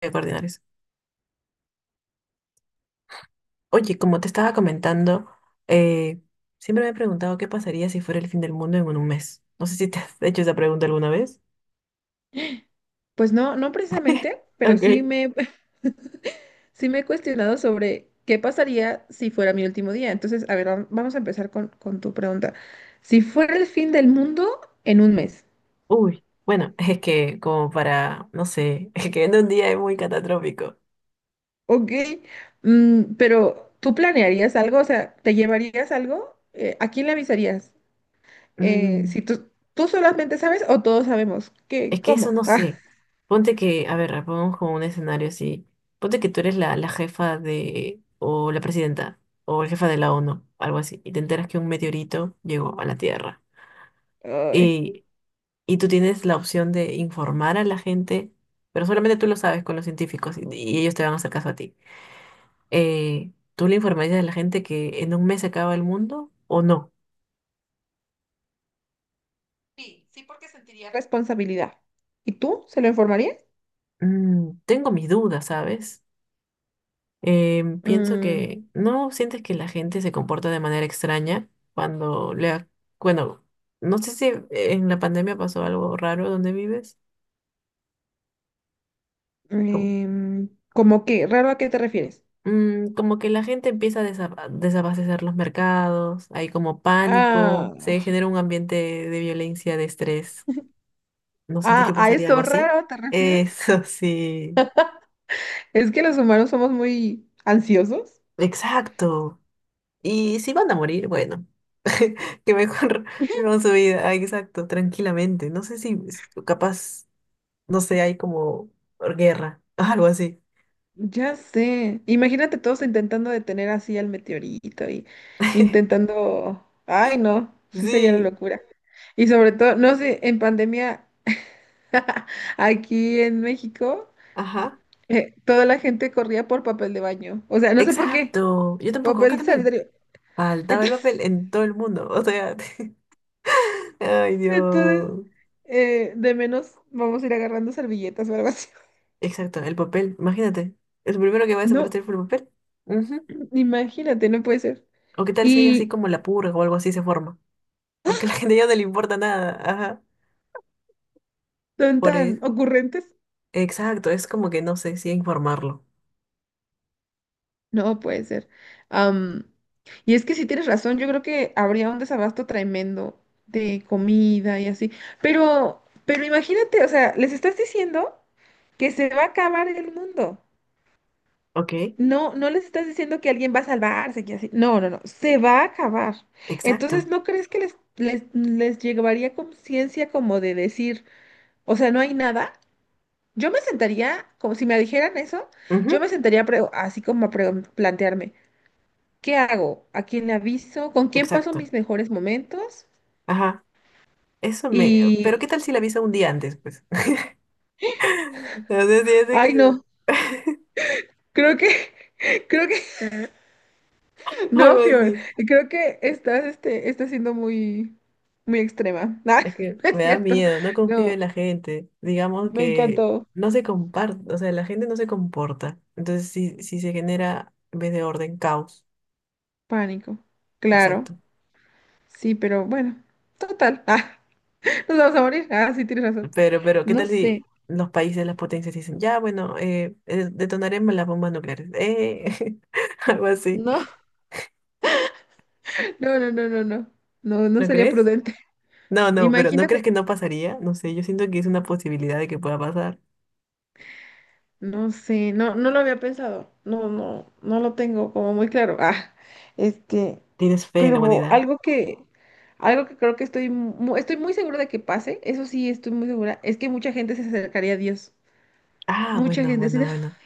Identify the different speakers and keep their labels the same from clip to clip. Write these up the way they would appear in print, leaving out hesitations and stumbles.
Speaker 1: De coordinar eso. Oye, como te estaba comentando, eh, siempre me he preguntado qué pasaría si fuera el fin del mundo en un mes. No sé si te has hecho esa pregunta alguna vez.
Speaker 2: Pues no, no precisamente, pero
Speaker 1: Ok.
Speaker 2: sí me he cuestionado sobre qué pasaría si fuera mi último día. Entonces, a ver, vamos a empezar con tu pregunta. Si fuera el fin del mundo en un mes,
Speaker 1: Uy, bueno, es que como para, no sé, es que en un día es muy catastrófico.
Speaker 2: ¿ok? Pero ¿tú planearías algo? O sea, ¿te llevarías algo? ¿A quién le avisarías?
Speaker 1: Mm,
Speaker 2: Si tú, tú solamente sabes o todos sabemos,
Speaker 1: es que eso
Speaker 2: ¿cómo?
Speaker 1: no sé. Ponte que, a ver, pongamos como un escenario así. Ponte que tú eres la jefa de, o la presidenta, o el jefa de la ONU, algo así, y te enteras que un meteorito llegó a la Tierra.
Speaker 2: Ah, ay.
Speaker 1: y y tú tienes la opción de informar a la gente, pero solamente tú lo sabes con los científicos y ellos te van a hacer caso a ti. ¿Tú le informarías a la gente que en un mes se acaba el mundo o no?
Speaker 2: Sí, sí, porque sentiría responsabilidad. ¿Y tú se lo informarías?
Speaker 1: Tengo mis dudas, ¿sabes? Pienso
Speaker 2: Mm.
Speaker 1: que no sientes que la gente se comporta de manera extraña cuando le bueno, no sé si en la pandemia pasó algo raro donde vives. ¿Cómo?
Speaker 2: ¿Cómo qué? ¿Raro a qué te refieres?
Speaker 1: Como que la gente empieza a desabastecer los mercados, hay como
Speaker 2: Ah,
Speaker 1: pánico, se genera un ambiente de violencia, de estrés. ¿No sientes
Speaker 2: ah,
Speaker 1: que
Speaker 2: ¿a
Speaker 1: pasaría algo
Speaker 2: eso
Speaker 1: así?
Speaker 2: raro te refieres?
Speaker 1: Eso sí,
Speaker 2: Es que los humanos somos muy ansiosos.
Speaker 1: exacto. Y si van a morir, bueno, que mejor vivan su vida, ah, exacto, tranquilamente. No sé si capaz, no sé, hay como guerra, algo así.
Speaker 2: Ya sé. Imagínate todos intentando detener así al meteorito y intentando... Ay, no, sí sería la
Speaker 1: Sí,
Speaker 2: locura. Y sobre todo, no sé, en pandemia, aquí en México,
Speaker 1: ajá,
Speaker 2: toda la gente corría por papel de baño. O sea, no sé por qué.
Speaker 1: exacto. Yo tampoco, acá
Speaker 2: Papel de
Speaker 1: también.
Speaker 2: sanitario.
Speaker 1: Faltaba el papel
Speaker 2: Entonces,
Speaker 1: en todo el mundo. O sea, ay
Speaker 2: Entonces,
Speaker 1: Dios.
Speaker 2: eh, de menos vamos a ir agarrando servilletas o algo así.
Speaker 1: Exacto, el papel. Imagínate. El primero que va a
Speaker 2: No,
Speaker 1: desaparecer fue el papel. Ujú.
Speaker 2: imagínate, no puede ser.
Speaker 1: O qué tal si hay así
Speaker 2: Y
Speaker 1: como la purga o algo así se forma. Porque a la gente ya no le importa nada. Ajá.
Speaker 2: son
Speaker 1: Por
Speaker 2: tan
Speaker 1: eso.
Speaker 2: ocurrentes.
Speaker 1: Exacto, es como que no sé si informarlo.
Speaker 2: No puede ser. Am, y es que sí tienes razón, yo creo que habría un desabasto tremendo de comida y así. Pero imagínate, o sea, les estás diciendo que se va a acabar el mundo.
Speaker 1: Ok,
Speaker 2: No, no les estás diciendo que alguien va a salvarse, que así. No, no, no. Se va a acabar. Entonces,
Speaker 1: exacto.
Speaker 2: ¿no crees que les llevaría conciencia como de decir, o sea, no hay nada? Yo me sentaría, como si me dijeran eso,
Speaker 1: Ujú,
Speaker 2: yo me sentaría a así como a plantearme, ¿qué hago? ¿A quién le aviso? ¿Con quién paso
Speaker 1: exacto.
Speaker 2: mis mejores momentos?
Speaker 1: Ajá. Eso me. Pero
Speaker 2: Y,
Speaker 1: qué tal si la avisa un día antes, pues. No sé si hace que.
Speaker 2: ay, no, creo que, creo que, no,
Speaker 1: Algo
Speaker 2: Fior,
Speaker 1: así.
Speaker 2: creo que estás, este, estás siendo muy extrema.
Speaker 1: Es que
Speaker 2: No, no es
Speaker 1: me da
Speaker 2: cierto.
Speaker 1: miedo, no confío en
Speaker 2: No.
Speaker 1: la gente. Digamos
Speaker 2: Me
Speaker 1: que
Speaker 2: encantó.
Speaker 1: no se comparte, o sea, la gente no se comporta. Entonces, si se genera, en vez de orden, caos.
Speaker 2: Pánico. Claro.
Speaker 1: Exacto.
Speaker 2: Sí, pero bueno. Total. Ah, nos vamos a morir. Ah, sí, tienes razón.
Speaker 1: Pero, ¿qué
Speaker 2: No
Speaker 1: tal
Speaker 2: sé.
Speaker 1: si los países, las potencias dicen, ya, bueno, detonaremos las bombas nucleares? Algo así.
Speaker 2: No, no, no, no, no, no. No, no
Speaker 1: ¿No
Speaker 2: sería
Speaker 1: crees?
Speaker 2: prudente.
Speaker 1: No, no, pero ¿no crees
Speaker 2: Imagínate.
Speaker 1: que no pasaría? No sé, yo siento que es una posibilidad de que pueda pasar.
Speaker 2: No sé. No, no lo había pensado. No, no, no lo tengo como muy claro. Ah, este.
Speaker 1: ¿Tienes fe en la
Speaker 2: Pero
Speaker 1: humanidad?
Speaker 2: algo que, algo que creo que estoy, estoy muy segura de que pase. Eso sí, estoy muy segura. Es que mucha gente se acercaría a Dios.
Speaker 1: Ah,
Speaker 2: Mucha
Speaker 1: bueno,
Speaker 2: gente así
Speaker 1: bueno,
Speaker 2: de,
Speaker 1: bueno.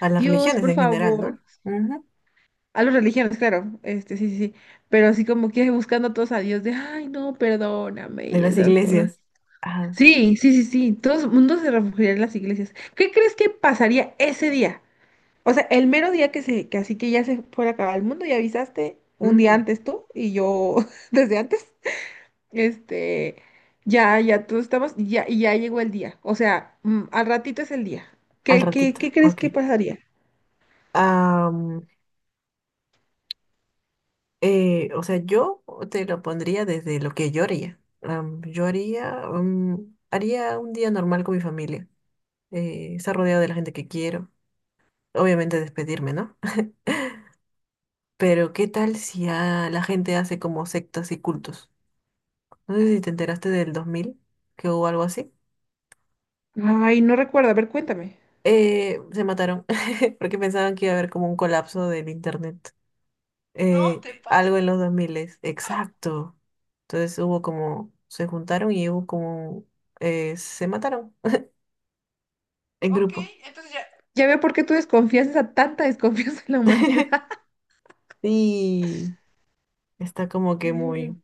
Speaker 1: A las
Speaker 2: Dios,
Speaker 1: religiones
Speaker 2: por
Speaker 1: en general,
Speaker 2: favor.
Speaker 1: ¿no? Ujú.
Speaker 2: A las religiones, claro, este, sí, sí, sí, pero así como que buscando a todos a Dios de, ay, no, perdóname
Speaker 1: De
Speaker 2: y
Speaker 1: las
Speaker 2: esas cosas.
Speaker 1: iglesias. Ajá.
Speaker 2: Sí, sí, sí, sí, todo el mundo se refugiaría en las iglesias. ¿Qué crees que pasaría ese día? O sea, el mero día que así que ya se fuera a acabar el mundo, ya avisaste un día
Speaker 1: Mm,
Speaker 2: antes tú y yo desde antes, este, ya, ya todos estamos, ya, y ya llegó el día, o sea, mm, al ratito es el día.
Speaker 1: Al
Speaker 2: ¿Qué,
Speaker 1: ratito.
Speaker 2: qué crees
Speaker 1: Ok.
Speaker 2: que pasaría?
Speaker 1: Am, o sea, yo te lo pondría desde lo que yo haría. Yo haría un día normal con mi familia. Estar rodeado de la gente que quiero. Obviamente despedirme, ¿no? Pero ¿qué tal si a la gente hace como sectas y cultos? No sé si te enteraste del 2000, que hubo algo así.
Speaker 2: Ay, no recuerdo, a ver, cuéntame.
Speaker 1: Se mataron porque pensaban que iba a haber como un colapso del internet.
Speaker 2: No te
Speaker 1: Algo en
Speaker 2: pases.
Speaker 1: los 2000, exacto. Entonces hubo como, se juntaron y hubo como, se mataron en
Speaker 2: Ok,
Speaker 1: grupo.
Speaker 2: entonces ya. Ya veo por qué tú desconfías, esa tanta desconfianza en la humanidad.
Speaker 1: Y está como que
Speaker 2: Ya veo.
Speaker 1: muy,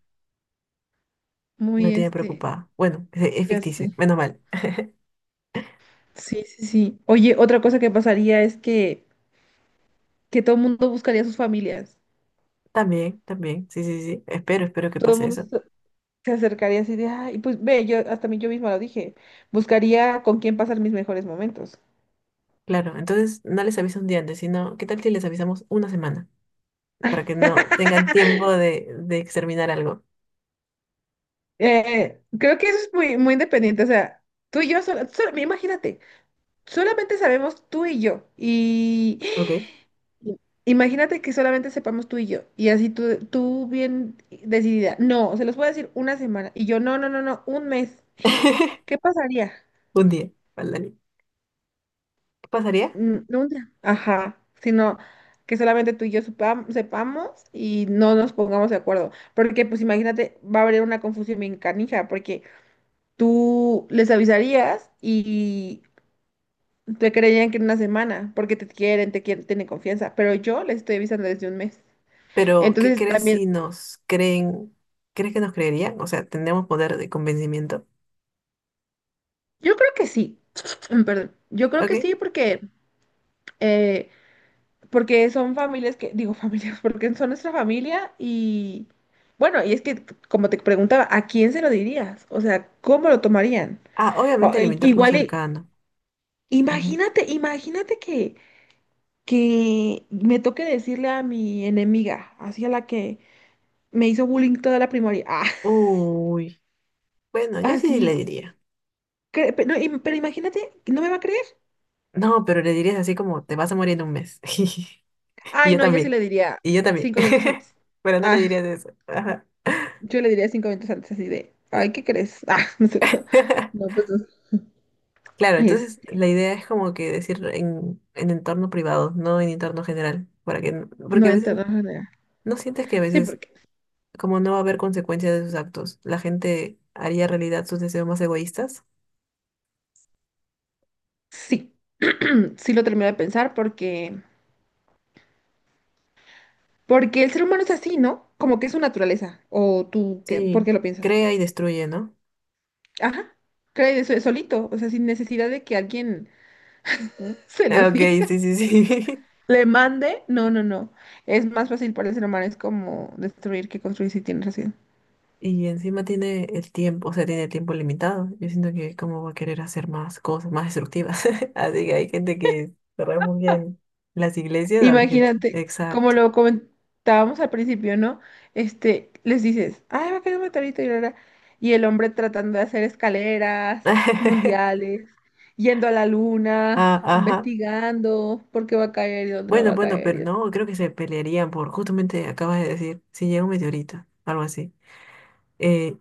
Speaker 1: me
Speaker 2: Muy
Speaker 1: tiene
Speaker 2: este,
Speaker 1: preocupada. Bueno, es
Speaker 2: ya sé.
Speaker 1: ficticio, menos mal.
Speaker 2: Sí, sí, sí. Oye, otra cosa que pasaría es que todo el mundo buscaría a sus familias.
Speaker 1: También, también, sí, sí, sí. Espero, espero que
Speaker 2: Todo el
Speaker 1: pase
Speaker 2: mundo
Speaker 1: eso.
Speaker 2: se se acercaría así de, ay, pues ve, yo hasta mí yo misma lo dije. Buscaría con quién pasar mis mejores momentos.
Speaker 1: Claro, entonces no les aviso un día antes, sino, ¿qué tal si les avisamos una semana? Para que no tengan tiempo de exterminar algo.
Speaker 2: Creo que eso es muy independiente. O sea, tú y yo imagínate. Solamente sabemos tú y yo. Y
Speaker 1: Ok.
Speaker 2: imagínate que solamente sepamos tú y yo. Tú bien decidida. No, se los puedo decir una semana. Y yo, no, no, no, no, un mes. ¿Qué pasaría?
Speaker 1: Un día, ándale. ¿Qué pasaría?
Speaker 2: Mm, no un día. Ajá. Sino que solamente tú y yo sepamos y no nos pongamos de acuerdo. Porque, pues imagínate, va a haber una confusión bien canija, porque tú les avisarías. Te creían que en una semana, porque te quieren, tienen confianza, pero yo les estoy avisando desde un mes.
Speaker 1: Pero, ¿qué
Speaker 2: Entonces
Speaker 1: crees
Speaker 2: también,
Speaker 1: si nos creen? ¿Crees que nos creerían? O sea, ¿tendríamos poder de convencimiento?
Speaker 2: yo creo que sí, mm, perdón, yo creo que
Speaker 1: Ok.
Speaker 2: sí porque, eh, porque son familias que, digo familias, porque son nuestra familia y bueno, y es que como te preguntaba, ¿a quién se lo dirías? O sea, ¿cómo lo tomarían?
Speaker 1: Ah,
Speaker 2: O,
Speaker 1: obviamente el
Speaker 2: i-
Speaker 1: entorno
Speaker 2: igual, y-
Speaker 1: cercano. Ujú.
Speaker 2: imagínate, que me toque decirle a mi enemiga, así a la que me hizo bullying toda la primaria, ah,
Speaker 1: Uy. Bueno, yo sí
Speaker 2: así.
Speaker 1: le diría.
Speaker 2: Pero imagínate, ¿no me va a creer?
Speaker 1: No, pero le dirías así como, te vas a morir en un mes. Y
Speaker 2: Ay,
Speaker 1: yo
Speaker 2: no, yo sí
Speaker 1: también.
Speaker 2: le diría
Speaker 1: Y yo también.
Speaker 2: cinco minutos antes.
Speaker 1: Pero no le
Speaker 2: Ah,
Speaker 1: dirías eso. Ajá.
Speaker 2: yo le diría cinco minutos antes, así de, ay, ¿qué crees? Ah, no es cierto. No, pues,
Speaker 1: Claro,
Speaker 2: es-
Speaker 1: entonces la idea es como que decir en entorno privado, no en entorno general, para que, porque
Speaker 2: no
Speaker 1: a veces
Speaker 2: entra de manera.
Speaker 1: no sientes que a
Speaker 2: Sí,
Speaker 1: veces
Speaker 2: porque,
Speaker 1: como no va a haber consecuencias de sus actos, la gente haría realidad sus deseos más egoístas.
Speaker 2: sí, sí lo termino de pensar porque, porque el ser humano es así, ¿no? Como que es su naturaleza, o tú, ¿qué? ¿Por
Speaker 1: Sí,
Speaker 2: qué lo piensas?
Speaker 1: crea y destruye, ¿no?
Speaker 2: Ajá, cree de solito, o sea, sin necesidad de que alguien se lo
Speaker 1: Ah, Ok,
Speaker 2: diga.
Speaker 1: sí, sí, sí.
Speaker 2: Le mande, no, no, no. Es más fácil para el ser humano, es como destruir que construir, si tienes razón.
Speaker 1: Y encima tiene el tiempo, o sea, tiene el tiempo limitado. Yo siento que cómo va a querer hacer más cosas más destructivas. Así que hay gente que cerrar muy bien las iglesias, va a haber gente.
Speaker 2: Imagínate, como
Speaker 1: Exacto.
Speaker 2: lo comentábamos al principio, ¿no? Este, les dices, ay, va a quedar un meteorito y la". Y el hombre tratando de hacer escaleras mundiales, yendo a la luna,
Speaker 1: Ah, ajá.
Speaker 2: investigando por qué va a caer y dónde no
Speaker 1: Bueno,
Speaker 2: va a
Speaker 1: bueno,
Speaker 2: caer.
Speaker 1: pero
Speaker 2: Y eso.
Speaker 1: no, creo que se pelearían por, justamente acabas de decir, si llega un meteorito, algo así. Eh,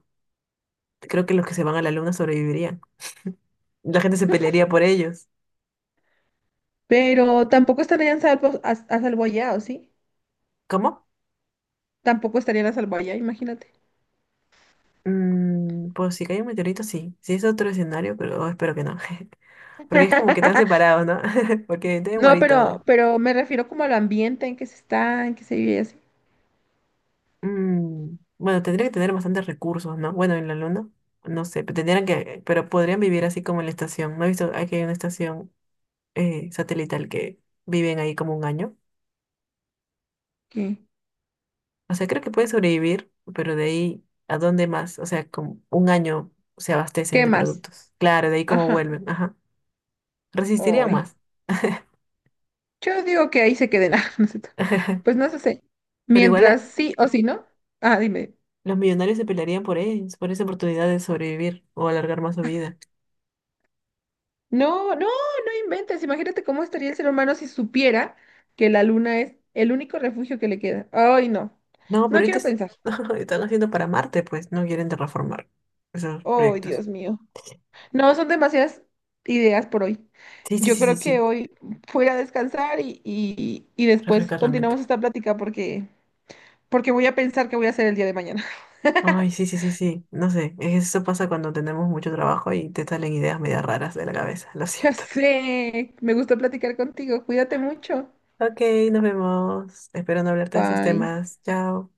Speaker 1: Creo que los que se van a la luna sobrevivirían. La gente se pelearía por ellos.
Speaker 2: Pero tampoco estarían a salvo allá, ¿o sí?
Speaker 1: ¿Cómo?
Speaker 2: Tampoco estarían a salvo allá, imagínate.
Speaker 1: Pues si cae un meteorito, sí. Si es otro escenario, pero espero que no. Porque es como que están separados, ¿no? Porque debe
Speaker 2: No,
Speaker 1: morir
Speaker 2: pero,
Speaker 1: todo.
Speaker 2: pero me refiero como al ambiente en que se está, en que se vive y así.
Speaker 1: Bueno, tendría que tener bastantes recursos, ¿no? Bueno, en la luna, no sé, pero tendrían que, pero podrían vivir así como en la estación. No he visto, aquí hay una estación satelital que viven ahí como un año.
Speaker 2: ¿Qué,
Speaker 1: O sea, creo que pueden sobrevivir, pero de ahí, ¿a dónde más? O sea, como un año se abastecen
Speaker 2: qué
Speaker 1: de
Speaker 2: más?
Speaker 1: productos. Claro, de ahí cómo
Speaker 2: Ajá.
Speaker 1: vuelven, ajá. Resistirían
Speaker 2: Hoy.
Speaker 1: más,
Speaker 2: Yo digo que ahí se queden. Ah, no sé. Pues no sé.
Speaker 1: pero igual
Speaker 2: Mientras sí o sí no. Ah, dime.
Speaker 1: los millonarios se pelearían por ellos, por esa oportunidad de sobrevivir o alargar más su vida.
Speaker 2: No, no, no inventes. Imagínate cómo estaría el ser humano si supiera que la luna es el único refugio que le queda. Ay, no.
Speaker 1: No, pero
Speaker 2: No
Speaker 1: ahorita
Speaker 2: quiero
Speaker 1: es-
Speaker 2: pensar.
Speaker 1: Están haciendo para Marte, pues no quieren terraformar esos
Speaker 2: Ay,
Speaker 1: proyectos.
Speaker 2: Dios mío. No, son demasiadas ideas por hoy.
Speaker 1: Sí, sí,
Speaker 2: Yo
Speaker 1: sí, sí,
Speaker 2: creo que
Speaker 1: sí,
Speaker 2: hoy voy a descansar y después
Speaker 1: refrescar la mente.
Speaker 2: continuamos esta plática porque, porque voy a pensar qué voy a hacer el día de mañana.
Speaker 1: Ay, sí, sí, sí, sí, no sé, eso pasa cuando tenemos mucho trabajo y te salen ideas medio raras de la cabeza, lo
Speaker 2: Ya
Speaker 1: siento.
Speaker 2: sé, me gustó platicar contigo. Cuídate mucho.
Speaker 1: Ok, nos vemos. Espero no hablarte de esos
Speaker 2: Bye.
Speaker 1: temas. Chao.